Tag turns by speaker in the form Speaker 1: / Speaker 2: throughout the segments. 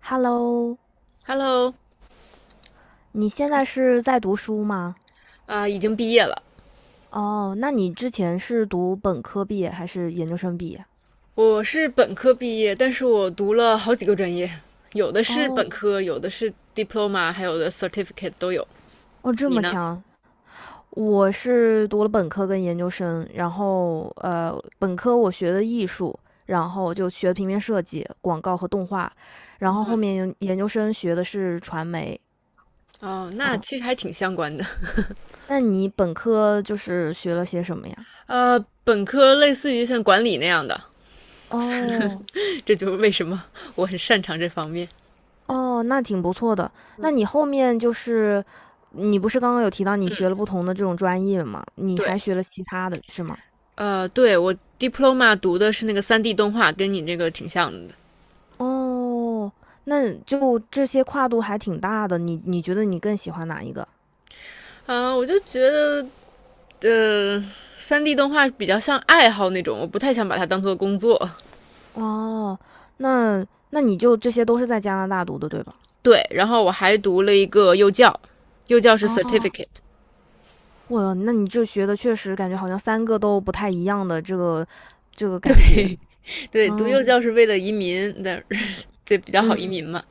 Speaker 1: Hello，
Speaker 2: Hello，
Speaker 1: 你现在是在读书吗？
Speaker 2: 已经毕业了。
Speaker 1: 哦，那你之前是读本科毕业还是研究生毕业？
Speaker 2: 我是本科毕业，但是我读了好几个专业，有的是本
Speaker 1: 哦，
Speaker 2: 科，有的是 diploma，还有的 certificate 都有。
Speaker 1: 哦，这
Speaker 2: 你
Speaker 1: 么
Speaker 2: 呢？
Speaker 1: 强！我是读了本科跟研究生，然后本科我学的艺术，然后就学平面设计、广告和动画，然后后
Speaker 2: 嗯，
Speaker 1: 面研究生学的是传媒。
Speaker 2: 哦，那
Speaker 1: 嗯，
Speaker 2: 其实还挺相关的。
Speaker 1: 那你本科就是学了些什么呀？
Speaker 2: 本科类似于像管理那样的，
Speaker 1: 哦，
Speaker 2: 这就是为什么我很擅长这方面。
Speaker 1: 哦，那挺不错的。那你后面就是你不是刚刚有提到你学了
Speaker 2: 嗯，
Speaker 1: 不同的这种专业吗？你
Speaker 2: 对，
Speaker 1: 还学了其他的是吗？
Speaker 2: 对我 diploma 读的是那个3D 动画，跟你这个挺像的。
Speaker 1: 哦，那就这些跨度还挺大的，你觉得你更喜欢哪一个？
Speaker 2: 我就觉得，三 d 动画比较像爱好那种，我不太想把它当做工作。
Speaker 1: 哦，那那你就这些都是在加拿大读的，对吧？
Speaker 2: 对，然后我还读了一个幼教，幼教是
Speaker 1: 哦，
Speaker 2: certificate，
Speaker 1: 哇，那你这学的确实感觉好像三个都不太一样的这个感觉。
Speaker 2: 对，读
Speaker 1: 嗯
Speaker 2: 幼教是为了移民，的，对比较好移
Speaker 1: 嗯。
Speaker 2: 民嘛。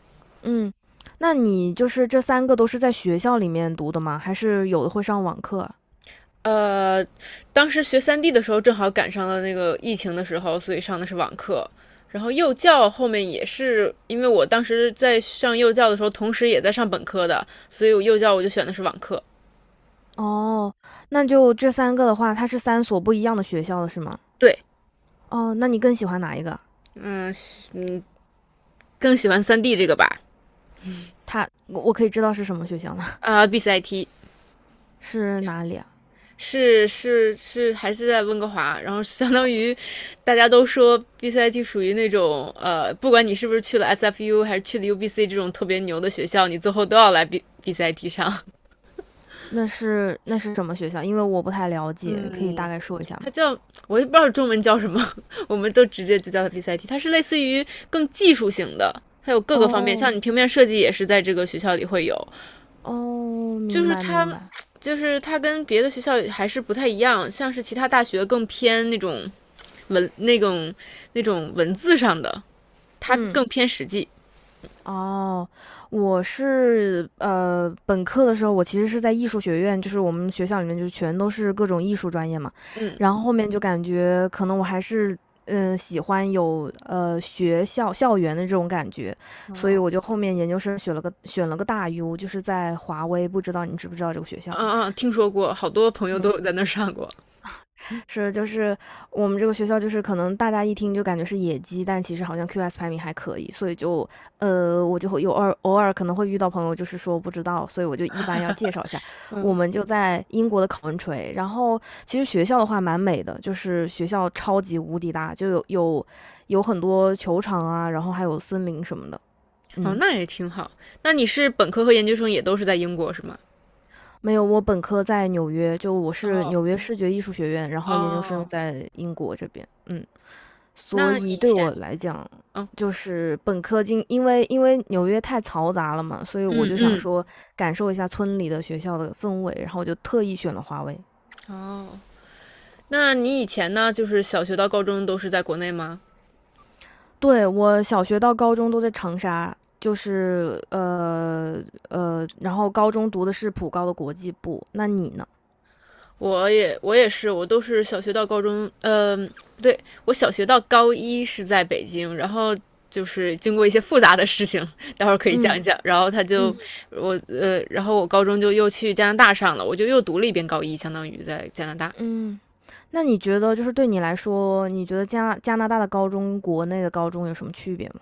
Speaker 1: 嗯，那你就是这三个都是在学校里面读的吗？还是有的会上网课啊？
Speaker 2: 呃，当时学三 D 的时候正好赶上了那个疫情的时候，所以上的是网课。然后幼教后面也是，因为我当时在上幼教的时候，同时也在上本科的，所以我幼教我就选的是网课。
Speaker 1: 哦，那就这三个的话，它是三所不一样的学校了，是吗？
Speaker 2: 对，
Speaker 1: 哦，那你更喜欢哪一个？
Speaker 2: 嗯嗯，更喜欢三 D 这个吧，
Speaker 1: 我可以知道是什么学校吗？
Speaker 2: BCIT
Speaker 1: 是哪里啊？
Speaker 2: 是是是，还是在温哥华，然后相当
Speaker 1: 哦，
Speaker 2: 于大家都说 BCIT 属于那种，不管你是不是去了 SFU 还是去了 UBC 这种特别牛的学校，你最后都要来 BCIT 上。
Speaker 1: 那是什么学校？因为我不太了 解，可以大
Speaker 2: 嗯，
Speaker 1: 概说一下吗？
Speaker 2: 它叫，我也不知道中文叫什么，我们都直接就叫它 BCIT。它是类似于更技术型的，它有各个方面，
Speaker 1: 哦，
Speaker 2: 像你平面设计也是在这个学校里会有，
Speaker 1: 哦，
Speaker 2: 就
Speaker 1: 明
Speaker 2: 是
Speaker 1: 白明
Speaker 2: 它。
Speaker 1: 白，
Speaker 2: 就是它跟别的学校还是不太一样，像是其他大学更偏那种文那种那种文字上的，它
Speaker 1: 嗯。
Speaker 2: 更偏实际。
Speaker 1: 哦，我是本科的时候我其实是在艺术学院，就是我们学校里面就是全都是各种艺术专业嘛，
Speaker 2: 嗯
Speaker 1: 然后后面就感觉可能我还是喜欢有学校校园的这种感觉，所以
Speaker 2: 哦，
Speaker 1: 我就后面研究生选了个大 U，就是在华威，不知道你知不知道这个学校？
Speaker 2: 啊啊，听说过，好多朋友都有在那儿上过。
Speaker 1: 是，就是我们这个学校，就是可能大家一听就感觉是野鸡，但其实好像 QS 排名还可以，所以就，我就会有偶尔可能会遇到朋友，就是说不知道，所以我就一般要介绍一下。我们就在英国的考文垂，然后其实学校的话蛮美的，就是学校超级无敌大，就有很多球场啊，然后还有森林什么的，
Speaker 2: 哦，
Speaker 1: 嗯。
Speaker 2: 那也挺好。那你是本科和研究生也都是在英国是吗？
Speaker 1: 没有，我本科在纽约，就我是
Speaker 2: 哦，
Speaker 1: 纽约视觉艺术学院，然后研究生
Speaker 2: 哦，
Speaker 1: 在英国这边，嗯。所
Speaker 2: 那
Speaker 1: 以
Speaker 2: 以
Speaker 1: 对我来讲，
Speaker 2: 哦，
Speaker 1: 就是本科经，因为纽约太嘈杂了嘛，所以我
Speaker 2: 嗯
Speaker 1: 就想
Speaker 2: 嗯，
Speaker 1: 说感受一下村里的学校的氛围，然后我就特意选了华为。
Speaker 2: 哦，那你以前呢，就是小学到高中都是在国内吗？
Speaker 1: 对我小学到高中都在长沙，就是然后高中读的是普高的国际部。那你呢？
Speaker 2: 我也是，我都是小学到高中，不对，我小学到高一是在北京，然后就是经过一些复杂的事情，待会儿可以讲
Speaker 1: 嗯
Speaker 2: 一讲。然后他就
Speaker 1: 嗯
Speaker 2: 然后我高中就又去加拿大上了，我就又读了一遍高一，相当于在加拿大。
Speaker 1: 嗯，那你觉得就是对你来说，你觉得加拿大的高中、国内的高中有什么区别吗？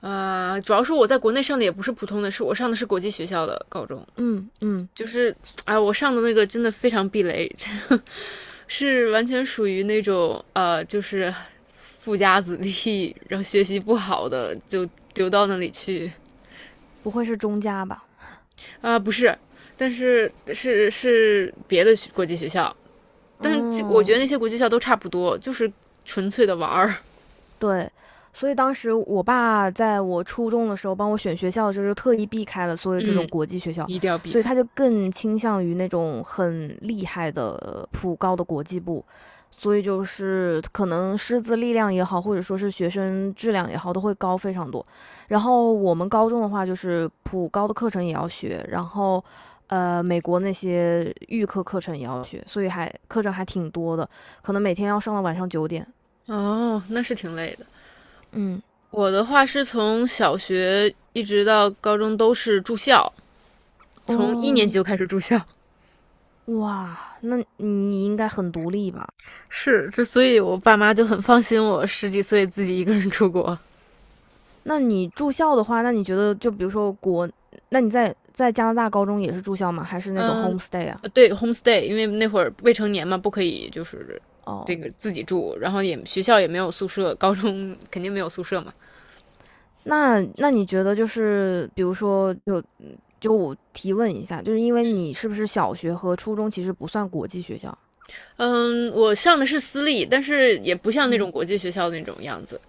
Speaker 2: 主要是我在国内上的也不是普通的，是我上的是国际学校的高中，
Speaker 1: 嗯嗯，
Speaker 2: 就是哎，我上的那个真的非常避雷，是完全属于那种就是富家子弟，然后学习不好的就丢到那里去。
Speaker 1: 不会是中加吧？
Speaker 2: 不是，但是是别的国际学校，但是就我觉
Speaker 1: 嗯，
Speaker 2: 得那些国际学校都差不多，就是纯粹的玩儿。
Speaker 1: 对，所以当时我爸在我初中的时候帮我选学校的时候，就特意避开了所有这
Speaker 2: 嗯，
Speaker 1: 种国际学校，所以他就更倾向于那种很厉害的普高的国际部，所以就是可能师资力量也好，或者说是学生质量也好，都会高非常多。然后我们高中的话，就是普高的课程也要学，然后美国那些预科课程也要学，所以还课程还挺多的，可能每天要上到晚上9点。
Speaker 2: 哦，那是挺累的。
Speaker 1: 嗯，
Speaker 2: 我的话是从小学一直到高中都是住校，从一
Speaker 1: 哦，
Speaker 2: 年级就开始住校。
Speaker 1: 哇，那你应该很独立吧？
Speaker 2: 是，所以我爸妈就很放心我十几岁自己一个人出国。
Speaker 1: 那你住校的话，那你觉得就比如说那你在加拿大高中也是住校吗？还是那种
Speaker 2: 嗯，
Speaker 1: homestay 啊？
Speaker 2: 对，homestay，因为那会儿未成年嘛，不可以就是
Speaker 1: 哦，
Speaker 2: 这个自己住，然后也学校也没有宿舍，高中肯定没有宿舍嘛。
Speaker 1: 那你觉得就是比如说，就我提问一下，就是因为你是不是小学和初中其实不算国际学校？
Speaker 2: 嗯，我上的是私立，但是也不像那
Speaker 1: 嗯，
Speaker 2: 种国际学校那种样子。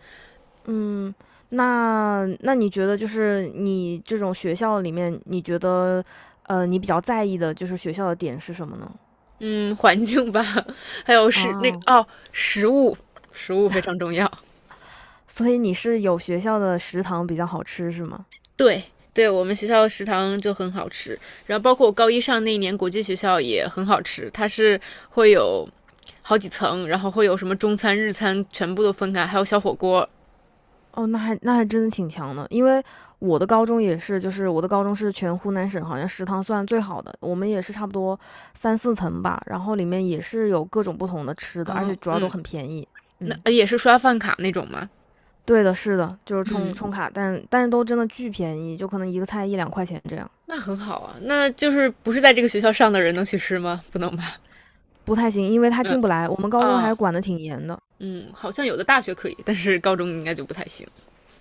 Speaker 1: 嗯，那你觉得就是你这种学校里面，你觉得你比较在意的就是学校的点是什么呢？
Speaker 2: 嗯，环境吧，还有是那个
Speaker 1: 啊，
Speaker 2: 哦，食物，食物非常重要。
Speaker 1: 所以你是有学校的食堂比较好吃是吗？
Speaker 2: 对对，我们学校食堂就很好吃，然后包括我高一上那一年国际学校也很好吃，它是会有好几层，然后会有什么中餐、日餐全部都分开，还有小火锅。
Speaker 1: 哦，那还真的挺强的，因为我的高中也是，就是我的高中是全湖南省好像食堂算最好的，我们也是差不多三四层吧，然后里面也是有各种不同的吃的，而
Speaker 2: 嗯
Speaker 1: 且主要
Speaker 2: 嗯，
Speaker 1: 都很便宜。
Speaker 2: 那
Speaker 1: 嗯，
Speaker 2: 也是刷饭卡那种吗？
Speaker 1: 对的，是的，就是充
Speaker 2: 嗯，
Speaker 1: 充卡，但是都真的巨便宜，就可能一个菜一两块钱这样，
Speaker 2: 那很好啊，那就是不是在这个学校上的人能去吃吗？不能吧？
Speaker 1: 不太行，因为他
Speaker 2: 嗯，
Speaker 1: 进不来，我们高中还
Speaker 2: 啊，
Speaker 1: 管得挺严的。
Speaker 2: 嗯，好像有的大学可以，但是高中应该就不太行。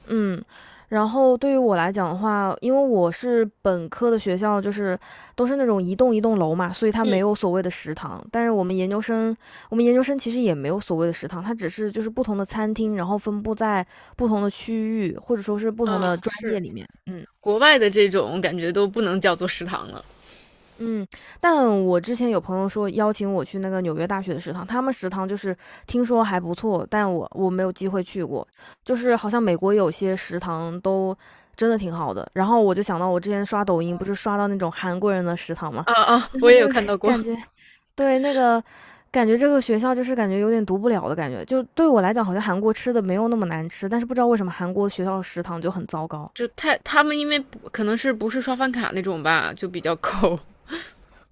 Speaker 1: 嗯，然后对于我来讲的话，因为我是本科的学校，就是都是那种一栋一栋楼嘛，所以它
Speaker 2: 嗯
Speaker 1: 没有所谓的食堂。但是我们研究生其实也没有所谓的食堂，它只是就是不同的餐厅，然后分布在不同的区域，或者说是不
Speaker 2: 嗯，
Speaker 1: 同的专
Speaker 2: 是
Speaker 1: 业里面。嗯。
Speaker 2: 国外的这种感觉都不能叫做食堂了。
Speaker 1: 嗯，但我之前有朋友说邀请我去那个纽约大学的食堂，他们食堂就是听说还不错，但我没有机会去过，就是好像美国有些食堂都真的挺好的。然后我就想到我之前刷抖音，不是刷到那种韩国人的食堂嘛，
Speaker 2: 啊啊，
Speaker 1: 然
Speaker 2: 我
Speaker 1: 后就
Speaker 2: 也有看到 过。
Speaker 1: 感觉对那个感觉这个学校就是感觉有点读不了的感觉，就对我来讲好像韩国吃的没有那么难吃，但是不知道为什么韩国学校食堂就很糟糕。
Speaker 2: 就他们因为可能是不是刷饭卡那种吧，就比较抠。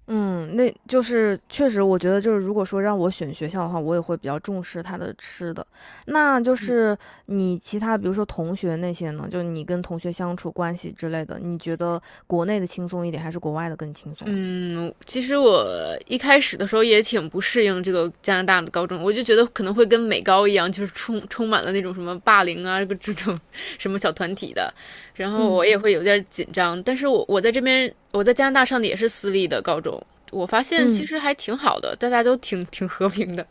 Speaker 1: 嗯，那就是确实，我觉得就是如果说让我选学校的话，我也会比较重视它的吃的。那就是你其他比如说同学那些呢，就是你跟同学相处关系之类的，你觉得国内的轻松一点，还是国外的更轻松啊？
Speaker 2: 嗯，其实我一开始的时候也挺不适应这个加拿大的高中，我就觉得可能会跟美高一样，就是充满了那种什么霸凌啊，这种什么小团体的，然后
Speaker 1: 嗯。
Speaker 2: 我也会有点紧张。但是我在这边我在加拿大上的也是私立的高中，我发现其
Speaker 1: 嗯，
Speaker 2: 实还挺好的，大家都挺和平的。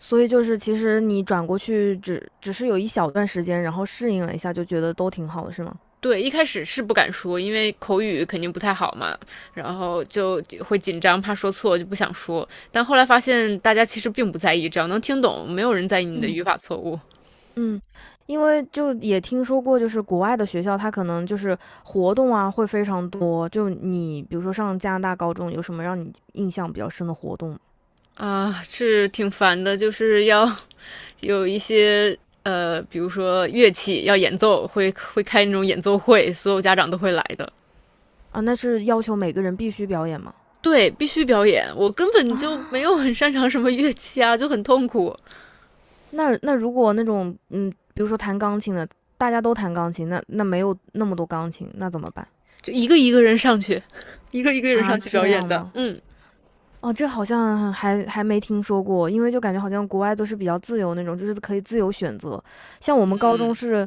Speaker 1: 所以就是其实你转过去只是有一小段时间，然后适应了一下，就觉得都挺好的，是吗？
Speaker 2: 对，一开始是不敢说，因为口语肯定不太好嘛，然后就会紧张，怕说错，就不想说。但后来发现大家其实并不在意，只要能听懂，没有人在意你的
Speaker 1: 嗯。
Speaker 2: 语法错误。
Speaker 1: 嗯，因为就也听说过，就是国外的学校，它可能就是活动啊会非常多。就你比如说上加拿大高中，有什么让你印象比较深的活动吗
Speaker 2: 啊，是挺烦的。就是要有一些比如说乐器要演奏，会开那种演奏会，所有家长都会来的。
Speaker 1: 啊？那是要求每个人必须表演吗？
Speaker 2: 对，必须表演，我根本就没有
Speaker 1: 啊，
Speaker 2: 很擅长什么乐器啊，就很痛苦，
Speaker 1: 那如果那种比如说弹钢琴的，大家都弹钢琴，那没有那么多钢琴，那怎么办
Speaker 2: 就一个一个人上去，一个一个人
Speaker 1: 啊？
Speaker 2: 上去
Speaker 1: 这
Speaker 2: 表演
Speaker 1: 样
Speaker 2: 的，
Speaker 1: 吗？
Speaker 2: 嗯。
Speaker 1: 哦，这好像还没听说过，因为就感觉好像国外都是比较自由那种，就是可以自由选择。像我们高中是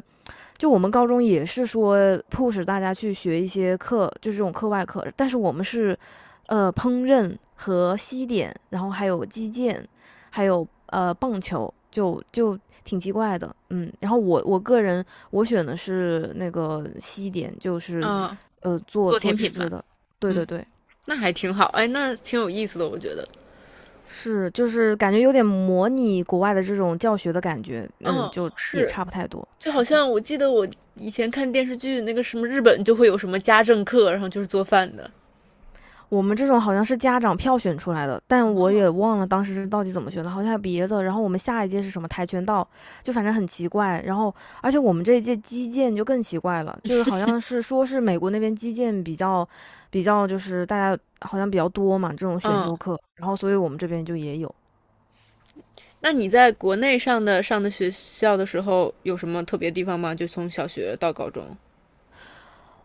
Speaker 1: 就我们高中也是说 p 使大家去学一些课，就是这种课外课，但是我们是，烹饪和西点，然后还有击剑，还有棒球，就挺奇怪的，嗯。然后我我个人我选的是那个西点，就是
Speaker 2: 啊、
Speaker 1: 做
Speaker 2: 做
Speaker 1: 做
Speaker 2: 甜品
Speaker 1: 吃
Speaker 2: 吧，
Speaker 1: 的，对
Speaker 2: 嗯，
Speaker 1: 对对，
Speaker 2: 那还挺好，哎，那挺有意思的，我觉得。
Speaker 1: 是就是感觉有点模拟国外的这种教学的感觉，嗯，
Speaker 2: 哦，
Speaker 1: 就也
Speaker 2: 是，
Speaker 1: 差不太多，
Speaker 2: 就好
Speaker 1: 是。
Speaker 2: 像我记得我以前看电视剧，那个什么日本就会有什么家政课，然后就是做饭的。
Speaker 1: 我们这种好像是家长票选出来的，但我也忘了当时是到底怎么选的，好像还有别的。然后我们下一届是什么跆拳道，就反正很奇怪。然后，而且我们这一届击剑就更奇怪了，就是好像是说是美国那边击剑比较就是大家好像比较多嘛这种选
Speaker 2: 嗯，
Speaker 1: 修课，然后所以我们这边就也有。
Speaker 2: 那你在国内上的学校的时候，有什么特别地方吗？就从小学到高中。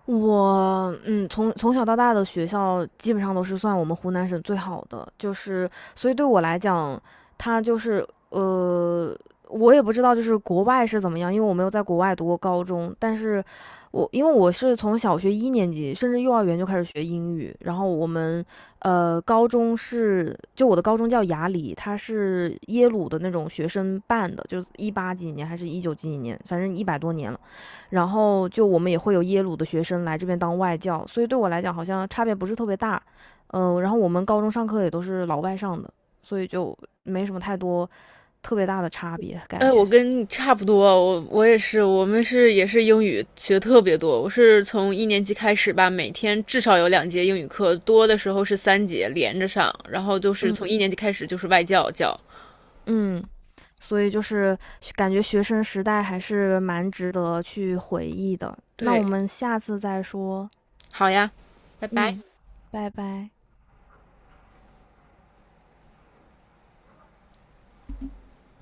Speaker 1: 从小到大的学校基本上都是算我们湖南省最好的，就是所以对我来讲，它就是我也不知道就是国外是怎么样，因为我没有在国外读过高中，但是因为我是从小学一年级甚至幼儿园就开始学英语，然后我的高中叫雅礼，它是耶鲁的那种学生办的，就是一八几几年还是一九几几年，反正100多年了。然后就我们也会有耶鲁的学生来这边当外教，所以对我来讲好像差别不是特别大。然后我们高中上课也都是老外上的，所以就没什么太多特别大的差别感
Speaker 2: 哎，
Speaker 1: 觉。
Speaker 2: 我跟你差不多，我也是，我们是也是英语学特别多。我是从一年级开始吧，每天至少有2节英语课，多的时候是3节连着上，然后就是
Speaker 1: 嗯
Speaker 2: 从一年级开始就是外教教。
Speaker 1: 嗯，所以就是感觉学生时代还是蛮值得去回忆的。那我
Speaker 2: 对，
Speaker 1: 们下次再说。
Speaker 2: 好呀，拜拜。
Speaker 1: 嗯，拜拜。